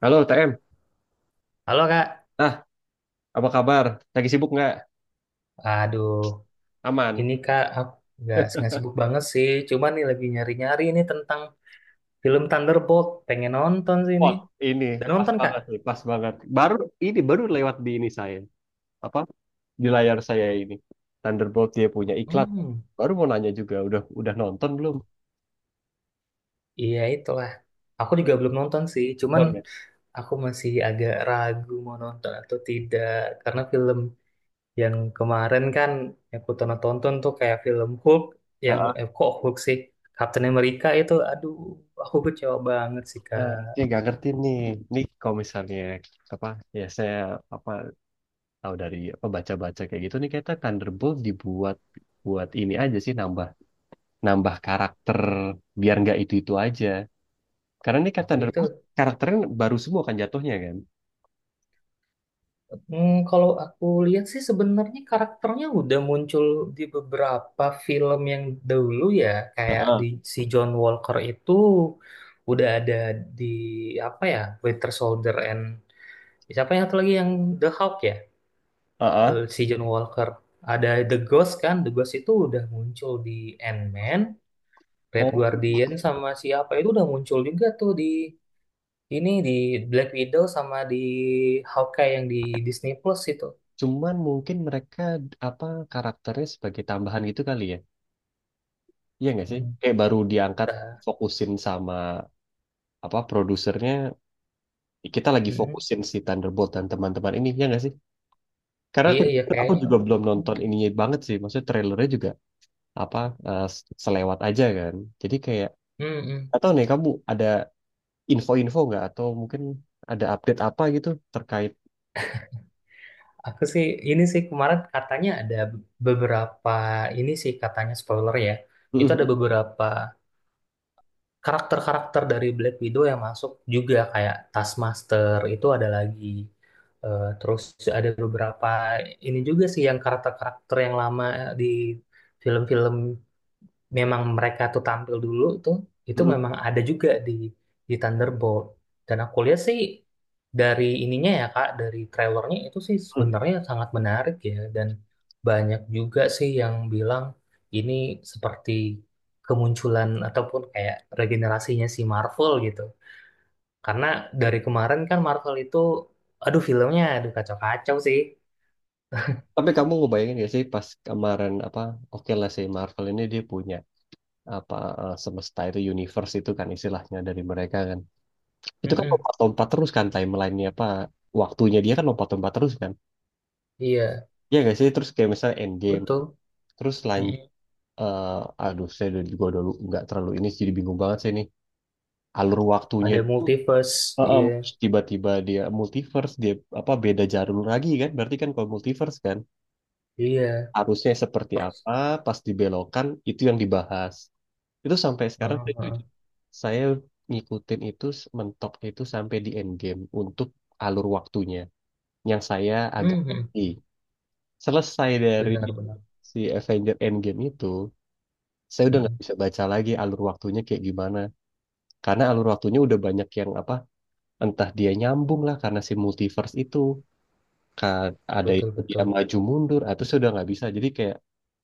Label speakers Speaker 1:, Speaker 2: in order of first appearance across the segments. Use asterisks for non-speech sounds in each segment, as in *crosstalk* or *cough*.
Speaker 1: Halo TM,
Speaker 2: Halo Kak,
Speaker 1: nah apa kabar? Lagi sibuk nggak?
Speaker 2: aduh
Speaker 1: Aman?
Speaker 2: ini Kak aku nggak sibuk banget sih, cuman nih lagi nyari-nyari ini tentang film Thunderbolt, pengen nonton sih ini.
Speaker 1: Wah, ini
Speaker 2: Dan
Speaker 1: pas
Speaker 2: nonton Kak?
Speaker 1: banget nih, pas banget. Baru ini baru lewat di ini saya, apa di layar saya. Ini Thunderbolt dia punya iklan.
Speaker 2: Hmm,
Speaker 1: Baru mau nanya juga, udah nonton belum?
Speaker 2: iya itulah. Aku juga belum nonton sih, cuman
Speaker 1: Belum ya?
Speaker 2: aku masih agak ragu mau nonton atau tidak karena film yang kemarin kan yang aku tonton-tonton tuh kayak film Hulk yang
Speaker 1: Nah,
Speaker 2: kok Hulk sih Captain America itu, aduh aku kecewa banget sih
Speaker 1: nah, saya
Speaker 2: Kak.
Speaker 1: nggak ngerti nih kalau misalnya apa ya, saya apa tahu dari baca-baca kayak gitu, nih kayaknya Thunderbolt dibuat buat ini aja sih, nambah nambah karakter biar nggak itu itu aja. Karena ini kan
Speaker 2: Gitu.
Speaker 1: Thunderbolt, karakternya baru semua kan jatuhnya kan.
Speaker 2: Hmm, kalau aku lihat sih sebenarnya karakternya udah muncul di beberapa film yang dahulu ya, kayak di si John Walker itu udah ada di apa ya, Winter Soldier and siapa yang satu lagi yang The Hulk ya.
Speaker 1: Heeh.
Speaker 2: Eh, si John Walker. Ada The Ghost kan, The Ghost itu udah muncul di Ant-Man, Red
Speaker 1: Oh,
Speaker 2: Guardian sama siapa itu udah muncul juga tuh di ini di Black Widow sama di Hawkeye yang di Disney Plus itu.
Speaker 1: cuman mungkin mereka apa karakternya sebagai tambahan gitu kali ya. Iya nggak sih? Kayak baru diangkat, fokusin sama produsernya. Kita lagi
Speaker 2: Mm-mm.
Speaker 1: fokusin si Thunderbolt dan teman-teman ini, ya nggak sih? Karena
Speaker 2: Iya,
Speaker 1: aku
Speaker 2: iya
Speaker 1: aku
Speaker 2: kayaknya.
Speaker 1: juga belum nonton ininya banget sih. Maksudnya trailernya juga apa eh, selewat aja kan. Jadi kayak,
Speaker 2: Mm-mm.
Speaker 1: atau nih kamu ada info-info nggak atau mungkin ada update apa gitu terkait.
Speaker 2: Aku sih ini sih kemarin katanya ada beberapa ini sih katanya spoiler ya. Itu ada beberapa karakter-karakter dari Black Widow yang masuk juga kayak Taskmaster itu ada lagi. Terus ada beberapa ini juga sih yang karakter-karakter yang lama di film-film memang mereka tuh tampil dulu tuh itu memang ada juga di Thunderbolt dan aku lihat sih dari ininya ya Kak dari trailernya itu sih
Speaker 1: *laughs*
Speaker 2: sebenarnya sangat menarik ya dan banyak juga sih yang bilang ini seperti kemunculan ataupun kayak regenerasinya si Marvel gitu karena dari kemarin kan Marvel itu aduh filmnya aduh kacau-kacau sih.
Speaker 1: Tapi kamu ngebayangin gak sih, pas kemarin oke lah sih, Marvel ini dia punya apa semesta itu, universe itu kan istilahnya dari mereka kan. Itu kan
Speaker 2: Mm-mm.
Speaker 1: lompat-lompat terus kan, timelinenya, waktunya dia kan lompat-lompat terus kan.
Speaker 2: Iya
Speaker 1: Iya gak sih, terus kayak misalnya Endgame
Speaker 2: betul.
Speaker 1: terus lanjut,
Speaker 2: Mm-mm.
Speaker 1: aduh saya udah dulu nggak terlalu ini, jadi bingung banget sih ini alur waktunya
Speaker 2: Ada
Speaker 1: itu.
Speaker 2: multiverse. Iya,
Speaker 1: Terus tiba-tiba dia multiverse, dia beda jalur lagi kan, berarti kan kalau multiverse kan
Speaker 2: iya.
Speaker 1: harusnya seperti
Speaker 2: Terus.
Speaker 1: apa pas dibelokan itu yang dibahas. Itu sampai sekarang
Speaker 2: Oh,
Speaker 1: saya jujur,
Speaker 2: heeh.
Speaker 1: saya ngikutin itu mentok itu sampai di Endgame untuk alur waktunya yang saya agak
Speaker 2: Mhm.
Speaker 1: ngerti. Selesai dari
Speaker 2: Benar, benar.
Speaker 1: si Avenger Endgame itu, saya udah nggak
Speaker 2: Mhm.
Speaker 1: bisa baca lagi alur waktunya kayak gimana. Karena alur waktunya udah banyak yang apa, entah dia nyambung lah karena si multiverse itu. Ka- Ada
Speaker 2: Betul,
Speaker 1: yang dia
Speaker 2: betul.
Speaker 1: maju mundur, atau saya udah nggak bisa. Jadi kayak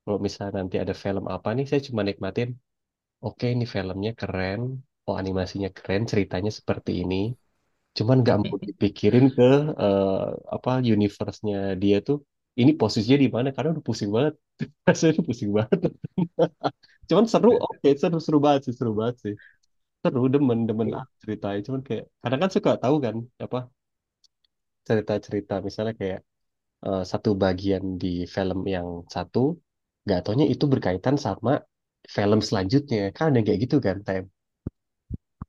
Speaker 1: kalau misalnya nanti ada film apa nih, saya cuma nikmatin, oke ini filmnya keren, oh animasinya keren, ceritanya seperti ini. Cuman nggak mau
Speaker 2: *laughs*
Speaker 1: dipikirin ke eh, apa universe-nya dia tuh. Ini posisinya di mana? Karena udah pusing banget. *laughs* Rasanya udah pusing banget. *laughs* Cuman seru, oke seru seru banget sih, seru banget sih. Seru, demen demen lah ceritanya. Cuman kayak kadang kan suka tahu kan apa cerita-cerita, misalnya kayak satu bagian di film yang satu, nggak taunya itu berkaitan sama film selanjutnya. Kan ada yang kayak gitu kan, Tem.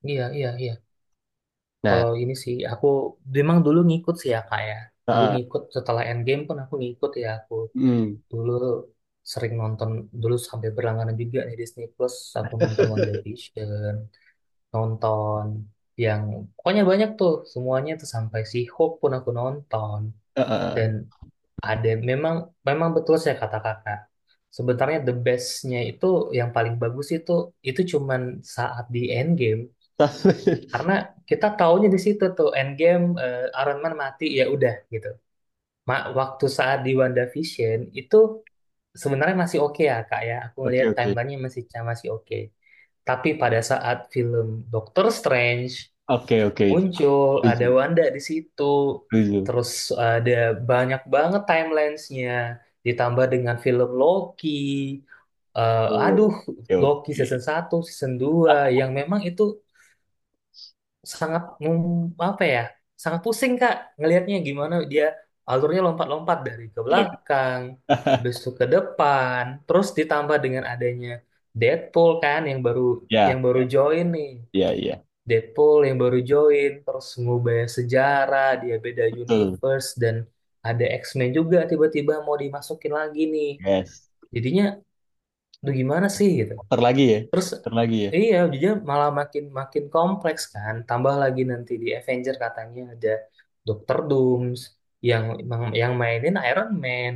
Speaker 2: Iya, iya, iya.
Speaker 1: Nah,
Speaker 2: Kalau ini sih, aku memang dulu ngikut sih ya, Kak ya. Dulu
Speaker 1: heeh.
Speaker 2: ngikut, setelah Endgame pun aku ngikut ya. Aku
Speaker 1: Hmm,
Speaker 2: dulu sering nonton, dulu sampai berlangganan juga nih Disney Plus. Aku nonton WandaVision, nonton yang... Pokoknya banyak tuh, semuanya tuh sampai si Hope pun aku nonton.
Speaker 1: heeh.
Speaker 2: Dan ada memang memang betul saya kata kakak. Sebenarnya the bestnya itu yang paling bagus itu cuman saat di end game
Speaker 1: *laughs*
Speaker 2: karena kita taunya di situ tuh end game Iron Man mati ya udah gitu. Ma- waktu saat di WandaVision itu sebenarnya masih oke ya kak ya. Aku
Speaker 1: Oke,
Speaker 2: ngelihat
Speaker 1: oke.
Speaker 2: timelinenya masih masih oke. Tapi pada saat film Doctor Strange
Speaker 1: Oke, oke itu.
Speaker 2: muncul
Speaker 1: Setuju,
Speaker 2: ada Wanda di situ
Speaker 1: setuju.
Speaker 2: terus ada banyak banget timelinesnya ditambah dengan film Loki.
Speaker 1: Betul.
Speaker 2: Aduh
Speaker 1: Oke,
Speaker 2: Loki
Speaker 1: oke.
Speaker 2: season satu season dua
Speaker 1: Ah,
Speaker 2: yang memang itu sangat mem- apa ya sangat pusing Kak ngelihatnya gimana dia alurnya lompat-lompat dari ke
Speaker 1: ya.
Speaker 2: belakang habis
Speaker 1: *laughs*
Speaker 2: itu ke depan terus ditambah dengan adanya Deadpool kan yang baru
Speaker 1: Ya,
Speaker 2: yang baru
Speaker 1: ya,
Speaker 2: join nih
Speaker 1: ya, ya.
Speaker 2: Deadpool yang baru join, terus ngubah sejarah, dia beda
Speaker 1: Betul.
Speaker 2: universe, dan ada X-Men juga tiba-tiba mau dimasukin lagi nih.
Speaker 1: Yes.
Speaker 2: Jadinya, tuh gimana sih gitu.
Speaker 1: Terlagi lagi ya.
Speaker 2: Terus,
Speaker 1: Puter lagi ya.
Speaker 2: iya, jadinya malah makin makin kompleks kan. Tambah lagi nanti di Avenger katanya ada Doctor Dooms yang yang mainin Iron Man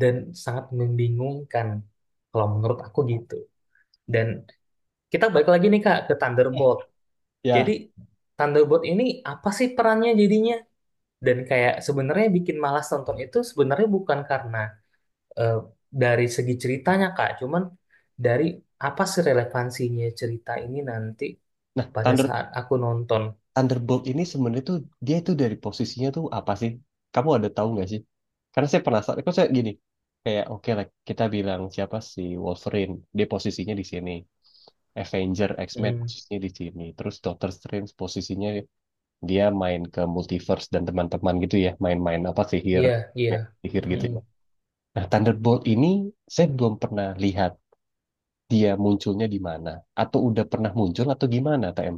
Speaker 2: dan sangat membingungkan kalau menurut aku gitu. Dan kita balik lagi nih Kak ke Thunderbolt. Jadi
Speaker 1: Ya.
Speaker 2: Thunderbolt ini apa sih perannya jadinya? Dan kayak sebenarnya bikin malas nonton itu sebenarnya bukan karena eh, dari segi ceritanya Kak, cuman dari apa sih relevansinya cerita ini nanti
Speaker 1: Nah,
Speaker 2: pada saat aku nonton.
Speaker 1: Thunderbolt ini sebenarnya tuh, dia tuh dari posisinya tuh apa sih? Kamu ada tahu nggak sih? Karena saya penasaran. Kok saya gini, kayak oke lah kita bilang siapa sih Wolverine? Dia posisinya di sini. Avenger, X-Men
Speaker 2: Mm,
Speaker 1: posisinya di sini. Terus Doctor Strange posisinya dia main ke multiverse dan teman-teman gitu ya, main-main sihir
Speaker 2: iya, iya.
Speaker 1: ya, sihir gitu
Speaker 2: Mm.
Speaker 1: ya. Nah, Thunderbolt ini saya belum pernah lihat dia munculnya di mana, atau udah pernah muncul atau gimana, TM?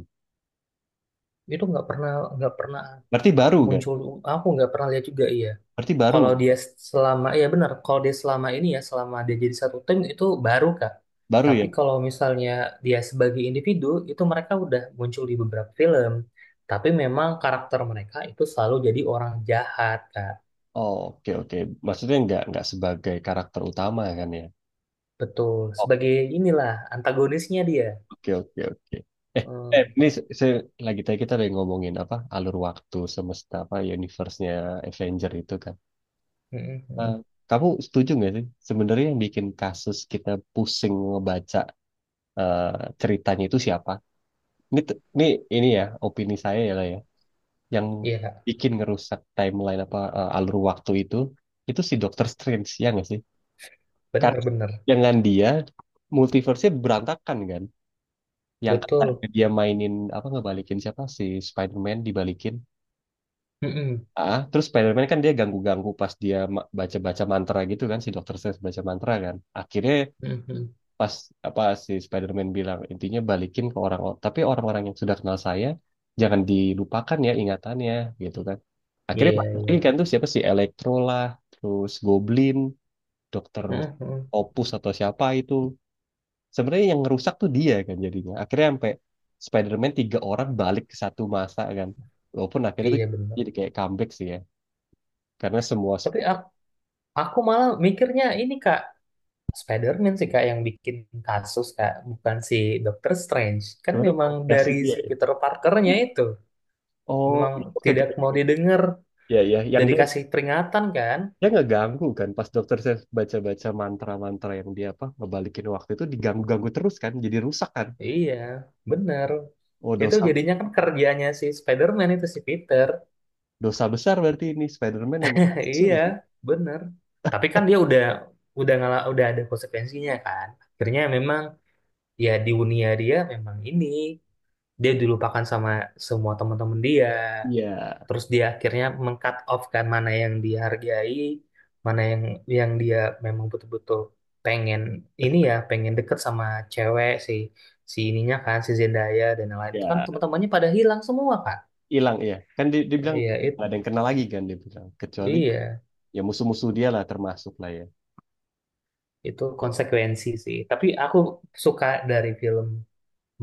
Speaker 2: Itu nggak pernah
Speaker 1: Berarti baru kan?
Speaker 2: muncul aku nggak pernah lihat juga iya.
Speaker 1: Berarti baru
Speaker 2: Kalau dia selama, ya benar, kalau dia selama ini ya, selama dia jadi satu tim itu baru Kak.
Speaker 1: baru ya.
Speaker 2: Tapi kalau misalnya dia sebagai individu, itu mereka udah muncul di beberapa film. Tapi memang karakter mereka itu selalu jadi orang jahat Kak.
Speaker 1: Oh, oke oke. Maksudnya nggak sebagai karakter utama kan ya?
Speaker 2: Betul,
Speaker 1: Oke,
Speaker 2: sebagai inilah antagonisnya dia.
Speaker 1: oke. Oke, oke. Eh,
Speaker 2: Hmm,
Speaker 1: ini saya, lagi tadi kita lagi ngomongin alur waktu, semesta, universe-nya Avenger itu kan.
Speaker 2: mm, mm,
Speaker 1: Nah,
Speaker 2: mm.
Speaker 1: kamu setuju nggak sih? Sebenarnya yang bikin kasus kita pusing ngebaca eh, ceritanya itu siapa? Ini, t- ini, ini ya, opini saya ya lah ya. Yang
Speaker 2: Iya Kak,
Speaker 1: bikin ngerusak timeline, alur waktu itu si Dr. Strange, ya nggak sih? Karena
Speaker 2: benar-benar,
Speaker 1: dengan dia, multiverse-nya berantakan kan? Yang katanya
Speaker 2: betul.
Speaker 1: dia mainin, ngebalikin siapa? Si Spider-Man dibalikin.
Speaker 2: Mm, mm,
Speaker 1: Ah, terus Spider-Man kan dia ganggu-ganggu pas dia baca-baca mantra gitu kan, si Dr. Strange baca mantra kan. Akhirnya
Speaker 2: mm, mm.
Speaker 1: pas si Spider-Man bilang intinya balikin ke orang, tapi orang-orang yang sudah kenal saya jangan dilupakan ya ingatannya gitu kan. Akhirnya
Speaker 2: Iya,
Speaker 1: balik lagi
Speaker 2: iya.
Speaker 1: kan tuh siapa sih, Electro lah, terus Goblin, Dokter
Speaker 2: Mm, mm, mm.
Speaker 1: Opus atau siapa itu. Sebenarnya yang ngerusak tuh dia kan jadinya, akhirnya sampai Spider-Man tiga orang balik ke satu masa kan, walaupun akhirnya tuh
Speaker 2: Iya
Speaker 1: jadi
Speaker 2: benar.
Speaker 1: kayak comeback sih ya, karena semua
Speaker 2: Tapi ak- aku malah mikirnya ini Kak, Spider-Man sih kak yang bikin kasus kak, bukan si Doctor Strange. Kan
Speaker 1: sebenarnya
Speaker 2: memang
Speaker 1: kombinasi
Speaker 2: dari
Speaker 1: dia
Speaker 2: si
Speaker 1: ya.
Speaker 2: Peter Parkernya itu
Speaker 1: Oh,
Speaker 2: memang
Speaker 1: iya, oke, oke,
Speaker 2: tidak mau
Speaker 1: oke.
Speaker 2: didengar,
Speaker 1: Ya, ya, yang
Speaker 2: udah
Speaker 1: dia,
Speaker 2: dikasih peringatan kan?
Speaker 1: ya nggak ganggu kan pas dokter saya baca-baca mantra-mantra yang dia ngebalikin waktu itu, diganggu-ganggu terus kan jadi rusak kan.
Speaker 2: Iya, bener.
Speaker 1: Oh,
Speaker 2: Itu
Speaker 1: dosa,
Speaker 2: jadinya kan kerjanya si Spider-Man itu si Peter.
Speaker 1: dosa besar, berarti ini Spider-Man emang
Speaker 2: *laughs*
Speaker 1: kasusnya
Speaker 2: Iya,
Speaker 1: di situ
Speaker 2: bener. Tapi kan dia udah ngala, udah ada konsekuensinya kan. Akhirnya memang ya di dunia dia memang ini dia dilupakan sama semua teman-teman dia.
Speaker 1: ya.
Speaker 2: Terus dia akhirnya meng-cut off kan mana yang dihargai mana yang dia memang betul-betul pengen ini ya pengen deket sama cewek si si ininya kan si Zendaya dan lain lain itu kan
Speaker 1: Ya,
Speaker 2: teman-temannya pada hilang semua kan
Speaker 1: hilang ya kan, dibilang
Speaker 2: iya itu
Speaker 1: nggak ada yang kenal lagi kan dia bilang, kecuali
Speaker 2: iya
Speaker 1: ya musuh-musuh dia lah termasuk lah ya.
Speaker 2: itu konsekuensi sih tapi aku suka dari film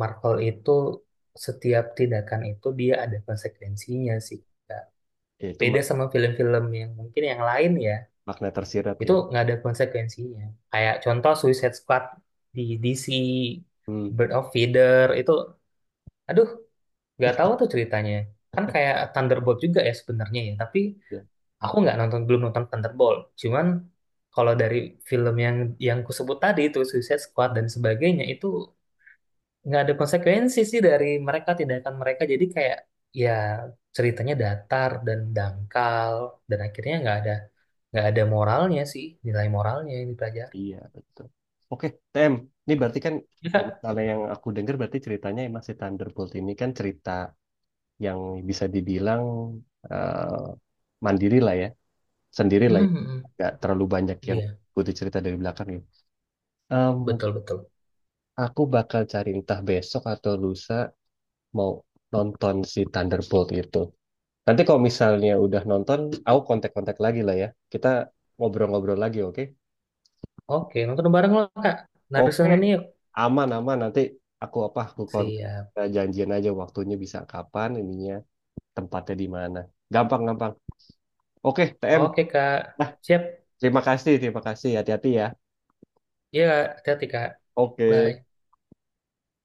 Speaker 2: Marvel itu setiap tindakan itu dia ada konsekuensinya sih Kak.
Speaker 1: Ya, itu
Speaker 2: Beda sama film-film yang mungkin yang lain ya
Speaker 1: makna tersirat
Speaker 2: itu
Speaker 1: ya.
Speaker 2: nggak ada konsekuensinya kayak contoh Suicide Squad di DC
Speaker 1: Hmm.
Speaker 2: Bird of Feather itu aduh nggak tahu tuh ceritanya kan kayak Thunderbolt juga ya sebenarnya ya tapi
Speaker 1: Ya,
Speaker 2: aku nggak nonton belum nonton Thunderbolt cuman kalau dari film yang kusebut tadi itu Suicide Squad dan sebagainya itu nggak ada konsekuensi sih dari mereka tindakan mereka jadi kayak ya ceritanya datar dan dangkal dan akhirnya nggak ada moralnya sih nilai moralnya yang dipelajari.
Speaker 1: iya betul, oke TM. Ini berarti kan
Speaker 2: Ya,
Speaker 1: kalau
Speaker 2: Kak.
Speaker 1: misalnya yang aku dengar, berarti ceritanya emang si Thunderbolt ini kan cerita yang bisa dibilang eh, mandiri lah ya, sendiri lah ya,
Speaker 2: Hmm, hmm.
Speaker 1: nggak terlalu banyak yang
Speaker 2: Iya,
Speaker 1: butuh cerita dari belakang ya. Em,
Speaker 2: betul betul.
Speaker 1: aku bakal cari entah besok atau lusa mau nonton si Thunderbolt itu. Nanti kalau misalnya udah nonton, aku kontak-kontak lagi lah ya. Kita ngobrol-ngobrol lagi, oke?
Speaker 2: Oke, nonton bareng loh, Kak.
Speaker 1: Oke,
Speaker 2: Narisan ini yuk.
Speaker 1: aman aman. Nanti aku apa? Aku kontak.
Speaker 2: Siap.
Speaker 1: Kita janjian aja waktunya bisa kapan, ininya tempatnya di mana. Gampang gampang. Oke, TM.
Speaker 2: Oke, Kak. Siap.
Speaker 1: Terima kasih, terima kasih. Hati-hati ya.
Speaker 2: Iya, Kak. Hati-hati, Kak.
Speaker 1: Oke.
Speaker 2: Bye.